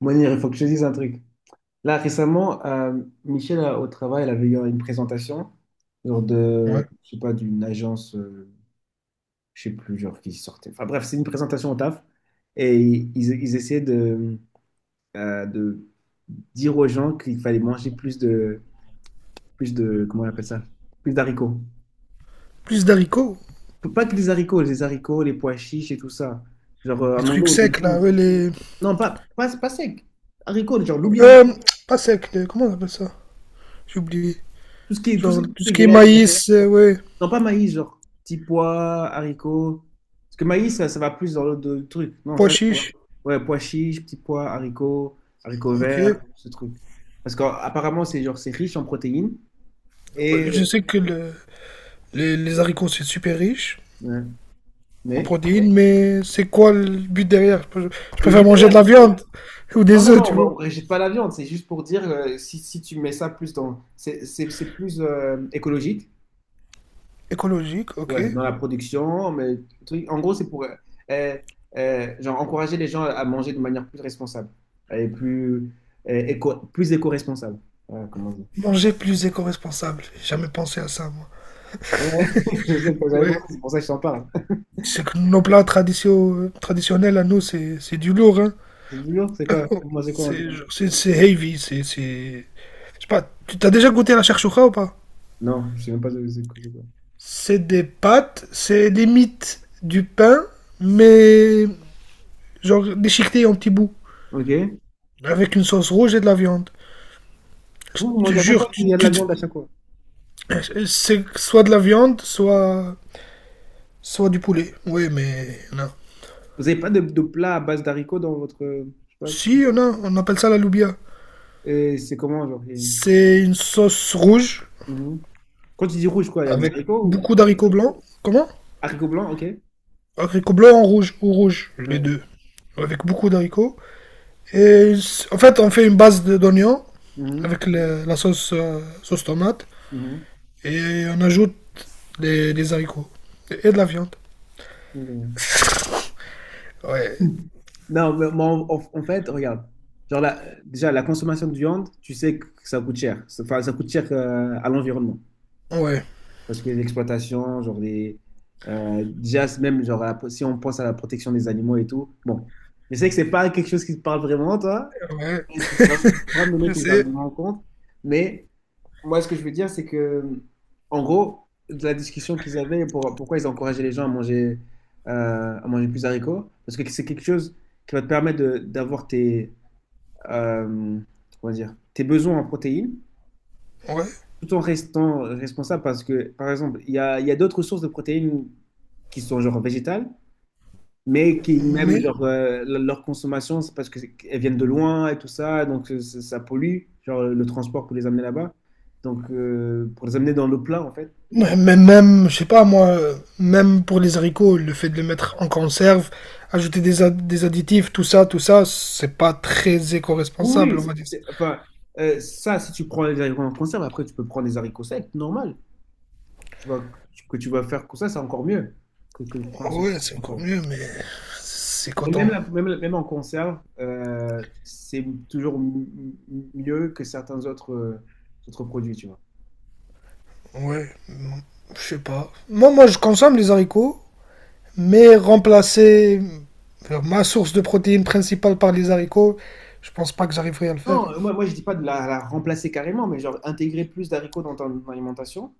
Mounir, il faut que je te dise un truc. Là, récemment, Michel, au travail, elle avait eu une présentation, genre de, Ouais. je sais pas, d'une agence, je sais plus, genre qui sortait. Enfin bref, c'est une présentation au taf. Et ils essayaient de, de dire aux gens qu'il fallait manger plus de, comment on appelle ça? Plus d'haricots. Plus d'haricots, Pas que des haricots, les pois chiches et tout ça. Genre, à des manger trucs au secs début. là, ouais, les. Non, pas sec. Haricots, genre, l'oubien. Euh, Pas secs, comment on appelle ça? J'ai oublié. Tout ce qui est, tout ce Genre qui tout ce qui est est. maïs, ouais, Non, pas maïs, genre petits pois, haricots. Parce que maïs, ça va plus dans truc. Non, pois ça, c'est quoi? chiche. Ouais, pois chiches, petits pois, haricots, haricots Ok. Ouais, verts, ce truc. Parce qu'apparemment, c'est genre, c'est riche en protéines. je Et. sais que les haricots c'est super riche Ouais. en Mais. protéines, mais c'est quoi le but derrière? Je Le préfère but manger derrière. de la viande ou Non, des non, œufs, non, on tu vois. ne rejette pas la viande. C'est juste pour dire, si, tu mets ça plus dans. C'est plus écologique. Écologique, ok. Ouais, dans la production, mais en gros, c'est pour genre encourager les gens à manger de manière plus responsable et plus plus éco-responsable. Voilà, comment dire? Manger plus éco-responsable. J'ai jamais pensé à ça, moi. Ouais, je sais que j'avais pensé, Ouais. c'est pour ça que je t'en parle. C'est que nos plats traditionnels à nous, c'est du lourd, hein. C'est du lourd, c'est quoi? Vous mangez quoi en général? C'est heavy, c'est. Je sais pas, tu t'as déjà goûté à la shakshuka ou pas? Non, je sais même pas ce que c'est quoi. C'est des pâtes, c'est limite du pain, mais genre déchiqueté en petits bouts, Ok. avec une sauce rouge et de la viande. Je Vous, vous te mangez à chaque fois, jure, il y a de la viande à chaque fois. c'est soit de la viande, soit, soit du poulet. Oui, mais non. Vous n'avez pas de, de plat à base d'haricots dans votre. Je sais pas. Si, on a, on appelle ça la loubia. Et c'est comment, genre? Et. C'est une sauce rouge, Mhm. Quand tu dis rouge, quoi, il y a des avec haricots ou... beaucoup d'haricots blancs. Comment? Haricots blancs, ok. Ouais. Haricots blancs en rouge, ou rouge, les deux. Avec beaucoup d'haricots. Et en fait, on fait une base d'oignons Mhm. avec la sauce, sauce tomate Mhm. et on ajoute des haricots et de la viande. Non. Ouais, Non, en fait, regarde. Déjà, la consommation de viande, tu sais que ça coûte cher. Enfin, ça coûte cher à l'environnement. ouais, Parce que l'exploitation, genre les. Déjà, c'est même genre, si on pense à la protection des animaux et tout. Bon, je sais que c'est pas quelque chose qui te parle vraiment, toi. ouais, Et tu pourras me donner je tes sais, arguments en compte. Mais moi, ce que je veux dire, c'est que, en gros, de la discussion qu'ils avaient, pourquoi ils encourageaient les gens à manger plus haricots, parce que c'est quelque chose qui va te permettre de- d'avoir tes, euh, comment dire, tes besoins en protéines, ouais. tout en restant responsable, parce que, par exemple, il y a d'autres sources de protéines qui sont genre végétales, mais qui, même, Mais, genre, leur consommation, c'est parce qu'elles viennent de loin et tout ça, donc ça, ça pollue, genre le transport pour les amener là-bas, donc pour les amener dans le plat, en fait. mais même, je sais pas moi, même pour les haricots, le fait de les mettre en conserve, ajouter des, des additifs, tout ça, c'est pas très Oui, éco-responsable, oui, on va dire. Enfin, ça, si tu prends les haricots en conserve, après, tu peux prendre des haricots secs, normal. Tu vas, que tu vas faire comme ça, c'est encore mieux que de prendre ceux qui Ouais, sont c'est en encore conserve. mieux, mais c'est Et même, coton. Même, même en conserve, c'est toujours mieux que certains autres, autres produits, tu vois. Ouais, je sais pas. Moi, moi, je consomme les haricots. Mais remplacer ma source de protéines principale par les haricots, je pense pas que j'arriverai à le faire. Non, moi je dis pas de la, la remplacer carrément, mais genre intégrer plus d'haricots dans ton alimentation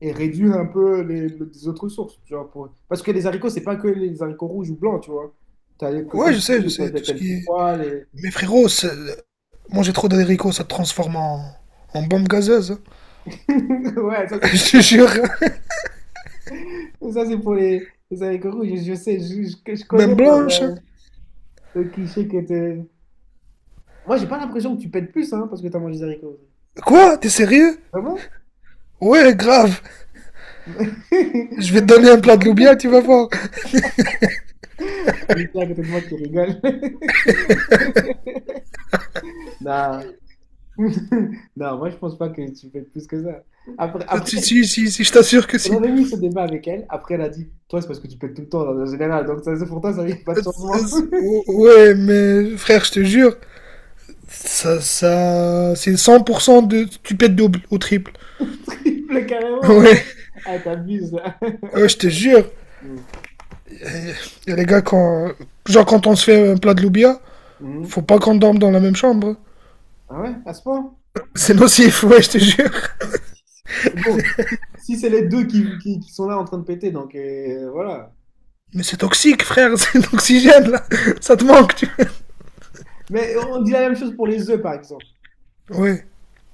et réduire un peu les autres sources. Genre pour... Parce que les haricots, c'est pas que les haricots rouges ou blancs, tu vois. T'as, Ouais, comme tu je dis, sais, tout t'as ce le qui petit est. pois, les... Mais frérot, manger trop d'haricots, ça te transforme en, en bombe gazeuse, hein. Ouais, Je te jure, ça, c'est pour les haricots rouges. Je sais, je connais même genre, blanche, hein. Le cliché que t'es... Moi, j'ai pas l'impression que tu pètes plus hein, parce que t'as mangé des haricots. Quoi? T'es sérieux? Vraiment? Ouais, grave. Je vais te donner un plat de loubia, tu vas voir. Michel à côté de moi qui rigole. Non. Non, moi, je pense pas que tu pètes plus que ça. Si, si, Après, si, si, je t'assure que on si. avait eu ce débat avec elle. Après, elle a dit, toi, c'est parce que tu pètes tout le temps, en général. Donc, ça, c'est pour toi, ça n'y a pas de Euh, changement. Ouais, mais frère, je te jure, ça, c'est 100% de, tu pètes double ou triple. Triple, carrément. Ouais. Ah, t'abuses là. Ouais, je te jure. Mm. Et les gars, quand, genre, quand on se fait un plat de loubia, Mhm. faut pas qu'on dorme dans la même chambre. Ah ouais, à ce point? C'est nocif, ouais, je te jure. Bon, si si c'est les deux qui sont là en train de péter, donc voilà. Mais c'est toxique, frère, c'est l'oxygène, là. Ça te manque, tu Mais on dit la même chose pour les œufs, par exemple. vois. Ouais.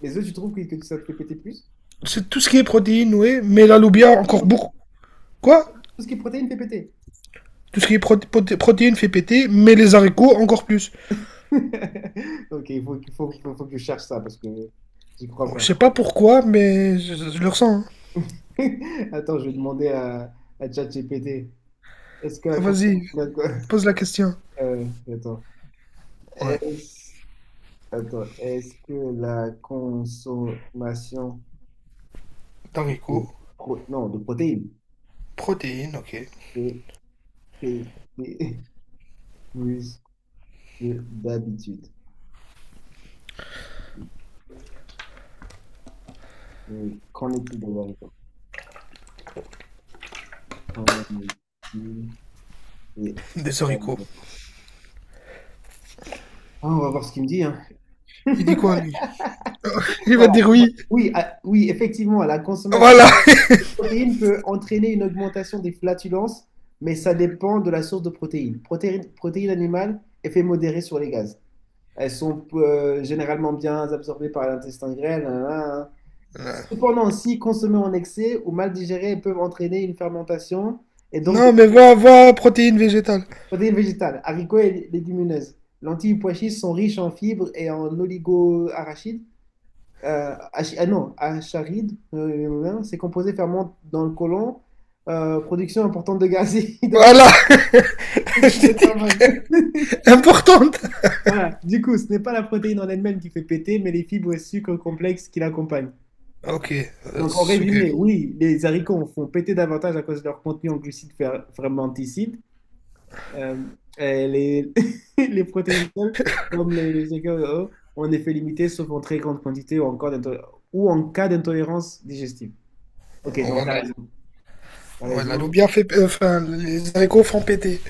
Les œufs, tu trouves que ça te fait péter plus? C'est tout ce qui est protéines, ouais, mais la Les loubia, protéines, encore en fait. beaucoup. Quoi? Tout ce qui est protéines fait péter. Tout ce qui est protéines fait péter, mais les haricots, encore plus. Ok, il faut, qu'il faut, faut- faut que je cherche ça parce que j'y crois Oh, je pas. sais pas pourquoi, mais je le ressens, hein. Attends, je vais demander à ChatGPT. Est-ce que la consommation Vas-y, d'alcool... pose la question. Euh, attends. Ouais, Est-ce... Attends, est-ce que la consommation de, haricots, non, de protéines protéines, ok. est est- est plus que d'habitude? Et qu'en est-il de la vérité? Qu'en est-il de la vérité? Des haricots. Ah, on va voir ce qu'il me dit, hein. Il dit quoi, lui? Il va Voilà. dire oui. Oui, ah, oui, effectivement, la consommation Voilà. protéine peut entraîner une augmentation des flatulences, mais ça dépend de la source de protéines. Protéines, protéines animales, effet modéré sur les gaz. Elles sont généralement bien absorbées par l'intestin grêle. Nan, nan, nan. Hein. Cependant, si consommées en excès ou mal digérées, elles peuvent entraîner une fermentation et donc des Non, mais va, va, protéines végétales. protéines végétales, haricots et légumineuses. Lentilles et pois chiches sont riches en fibres et en oligo-arachides. Ah non, acharide, c'est composé ferment dans le côlon, production importante de gaz et hydroxyde Voilà, de carbone. importante. Voilà, du coup, ce n'est pas la protéine en elle-même qui fait péter, mais les fibres et sucres complexes qui l'accompagnent. Ok, Donc, en c'est ok. résumé, oui, les haricots font péter davantage à cause de leur contenu en glucides fermenticides. Euh, et les, les protéines seules, comme les GKE, ont un effet limité, sauf en très grande quantité ou, encore ou en cas d'intolérance digestive. Ok, donc tu as Voilà. raison. T'as Voilà, l'eau raison. bien fait, enfin, les haricots font péter.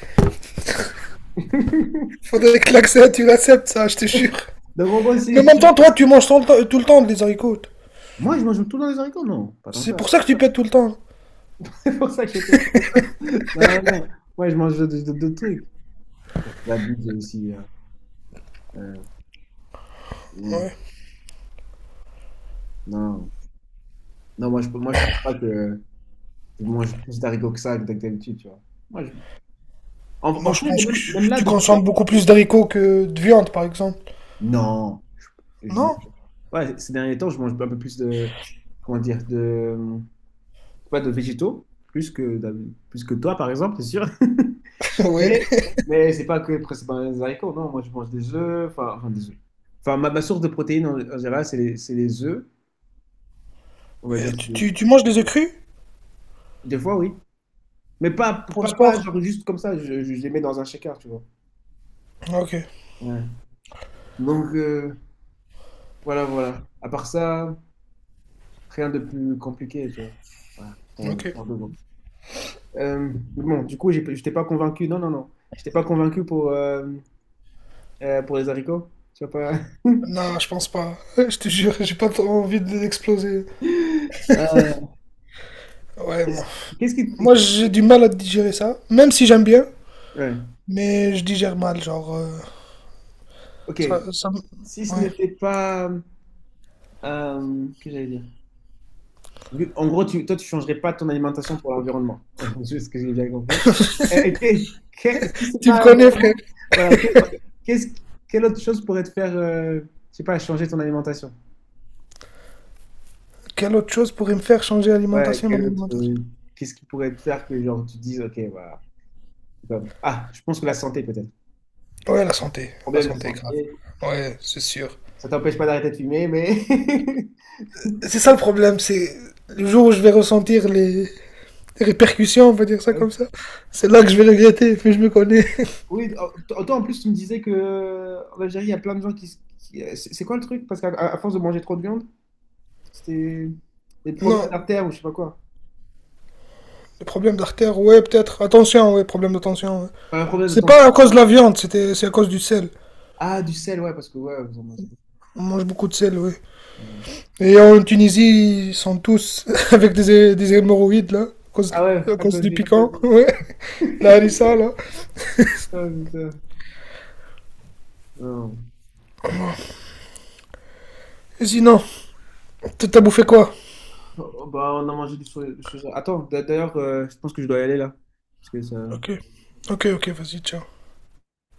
Faudrait que l'accès, tu l'acceptes, ça, je te jure. Donc, moi, Mais en c'est... même temps, toi, tu manges tout le temps des haricots. Moi, je mange tout dans les haricots, non? Pas tant que C'est pour ça. ça que tu pètes tout le temps. C'est pour ça que je fais... Non, non, non. Moi, je mange d'autres trucs. Après, c'est la bite aussi là. Euh, non, Ouais. non. Non, moi, moi, je trouve pas que je mange plus d'haricots que ça que d'habitude, tu vois. Moi, je... Non, en je fait, pense que même, même là, tu depuis... consommes beaucoup plus d'haricots que de viande, par exemple. Non. Je mange... Non? Ouais, ces derniers temps, je mange un peu plus de... Comment dire? De... Pas de végétaux. Plus que toi, par exemple, c'est sûr. Oui. Mais, mais c'est pas que principalement les haricots, non. Moi, je mange des œufs, enfin, des œufs. Enfin, ma source de protéines en général, c'est c'est les œufs, on va dire. Tu manges des œufs crus Des fois, oui. Mais pour le pas sport? genre juste comme ça, je les mets dans un shaker, tu vois. Ok, Ouais. Donc, voilà, voilà. À part ça, rien de plus compliqué, tu vois. Voilà, putain, il ok. parle de bon. Bon, du coup, je t'ai pas convaincu. Non, non, non. Je t'ai pas convaincu pour les haricots. Tu vois pas. Non, je pense pas. Je te jure, j'ai pas trop envie de l'exploser. Euh, Ouais, moi, qu'est-ce qui. moi, j'ai du mal à digérer ça, même si j'aime bien, Ouais. mais je digère mal, genre. Ok. Si ce Ouais. n'était pas. Que j'allais dire? En gros, toi, tu changerais pas ton alimentation pour l'environnement. C'est ce que j'ai bien compris. Et si c'est Tu me pas connais, frère. l'environnement, voilà, qu'est-ce, quelle autre chose pourrait te faire, je sais pas, changer ton alimentation? Quelle autre chose pourrait me faire changer Ouais, l'alimentation, mon quel autre, alimentation? Qu'est-ce qui pourrait te faire que genre, tu te dises, ok, voilà. Ah, je pense que la santé peut-être. Ouais, la santé. La Problème de santé, grave. santé, Ouais, c'est sûr. ça t'empêche pas d'arrêter de fumer, mais. C'est ça le problème, c'est le jour où je vais ressentir les répercussions, on va dire ça comme ça, c'est là que je vais regretter, mais je me connais. Oui, toi en plus tu me disais que en Algérie il y a plein de gens qui, c'est quoi le truc? Parce qu'à à force de manger trop de viande, c'était des problèmes Non, d'artère ou je sais pas quoi. le problème d'artère, ouais, peut-être. Attention, ouais, problème d'attention, ouais. Pas un problème de C'est pas tension. à cause de la viande, c'est à cause du sel. Ah, du sel, ouais, parce que ouais, vous en mangez beaucoup. On mange beaucoup de sel, ouais. Ouais. Et en Tunisie, ils sont tous avec des hémorroïdes, là, Ah ouais, à à cause cause du du. piquant. Ouais, la harissa, là. Oh, putain. Non. Et sinon, t'as bouffé quoi? Oh, bah, on a mangé du soja. Attends, d'ailleurs, je pense que je dois y aller là. Parce que ça. Ok, ok, ok, vas-y, ciao.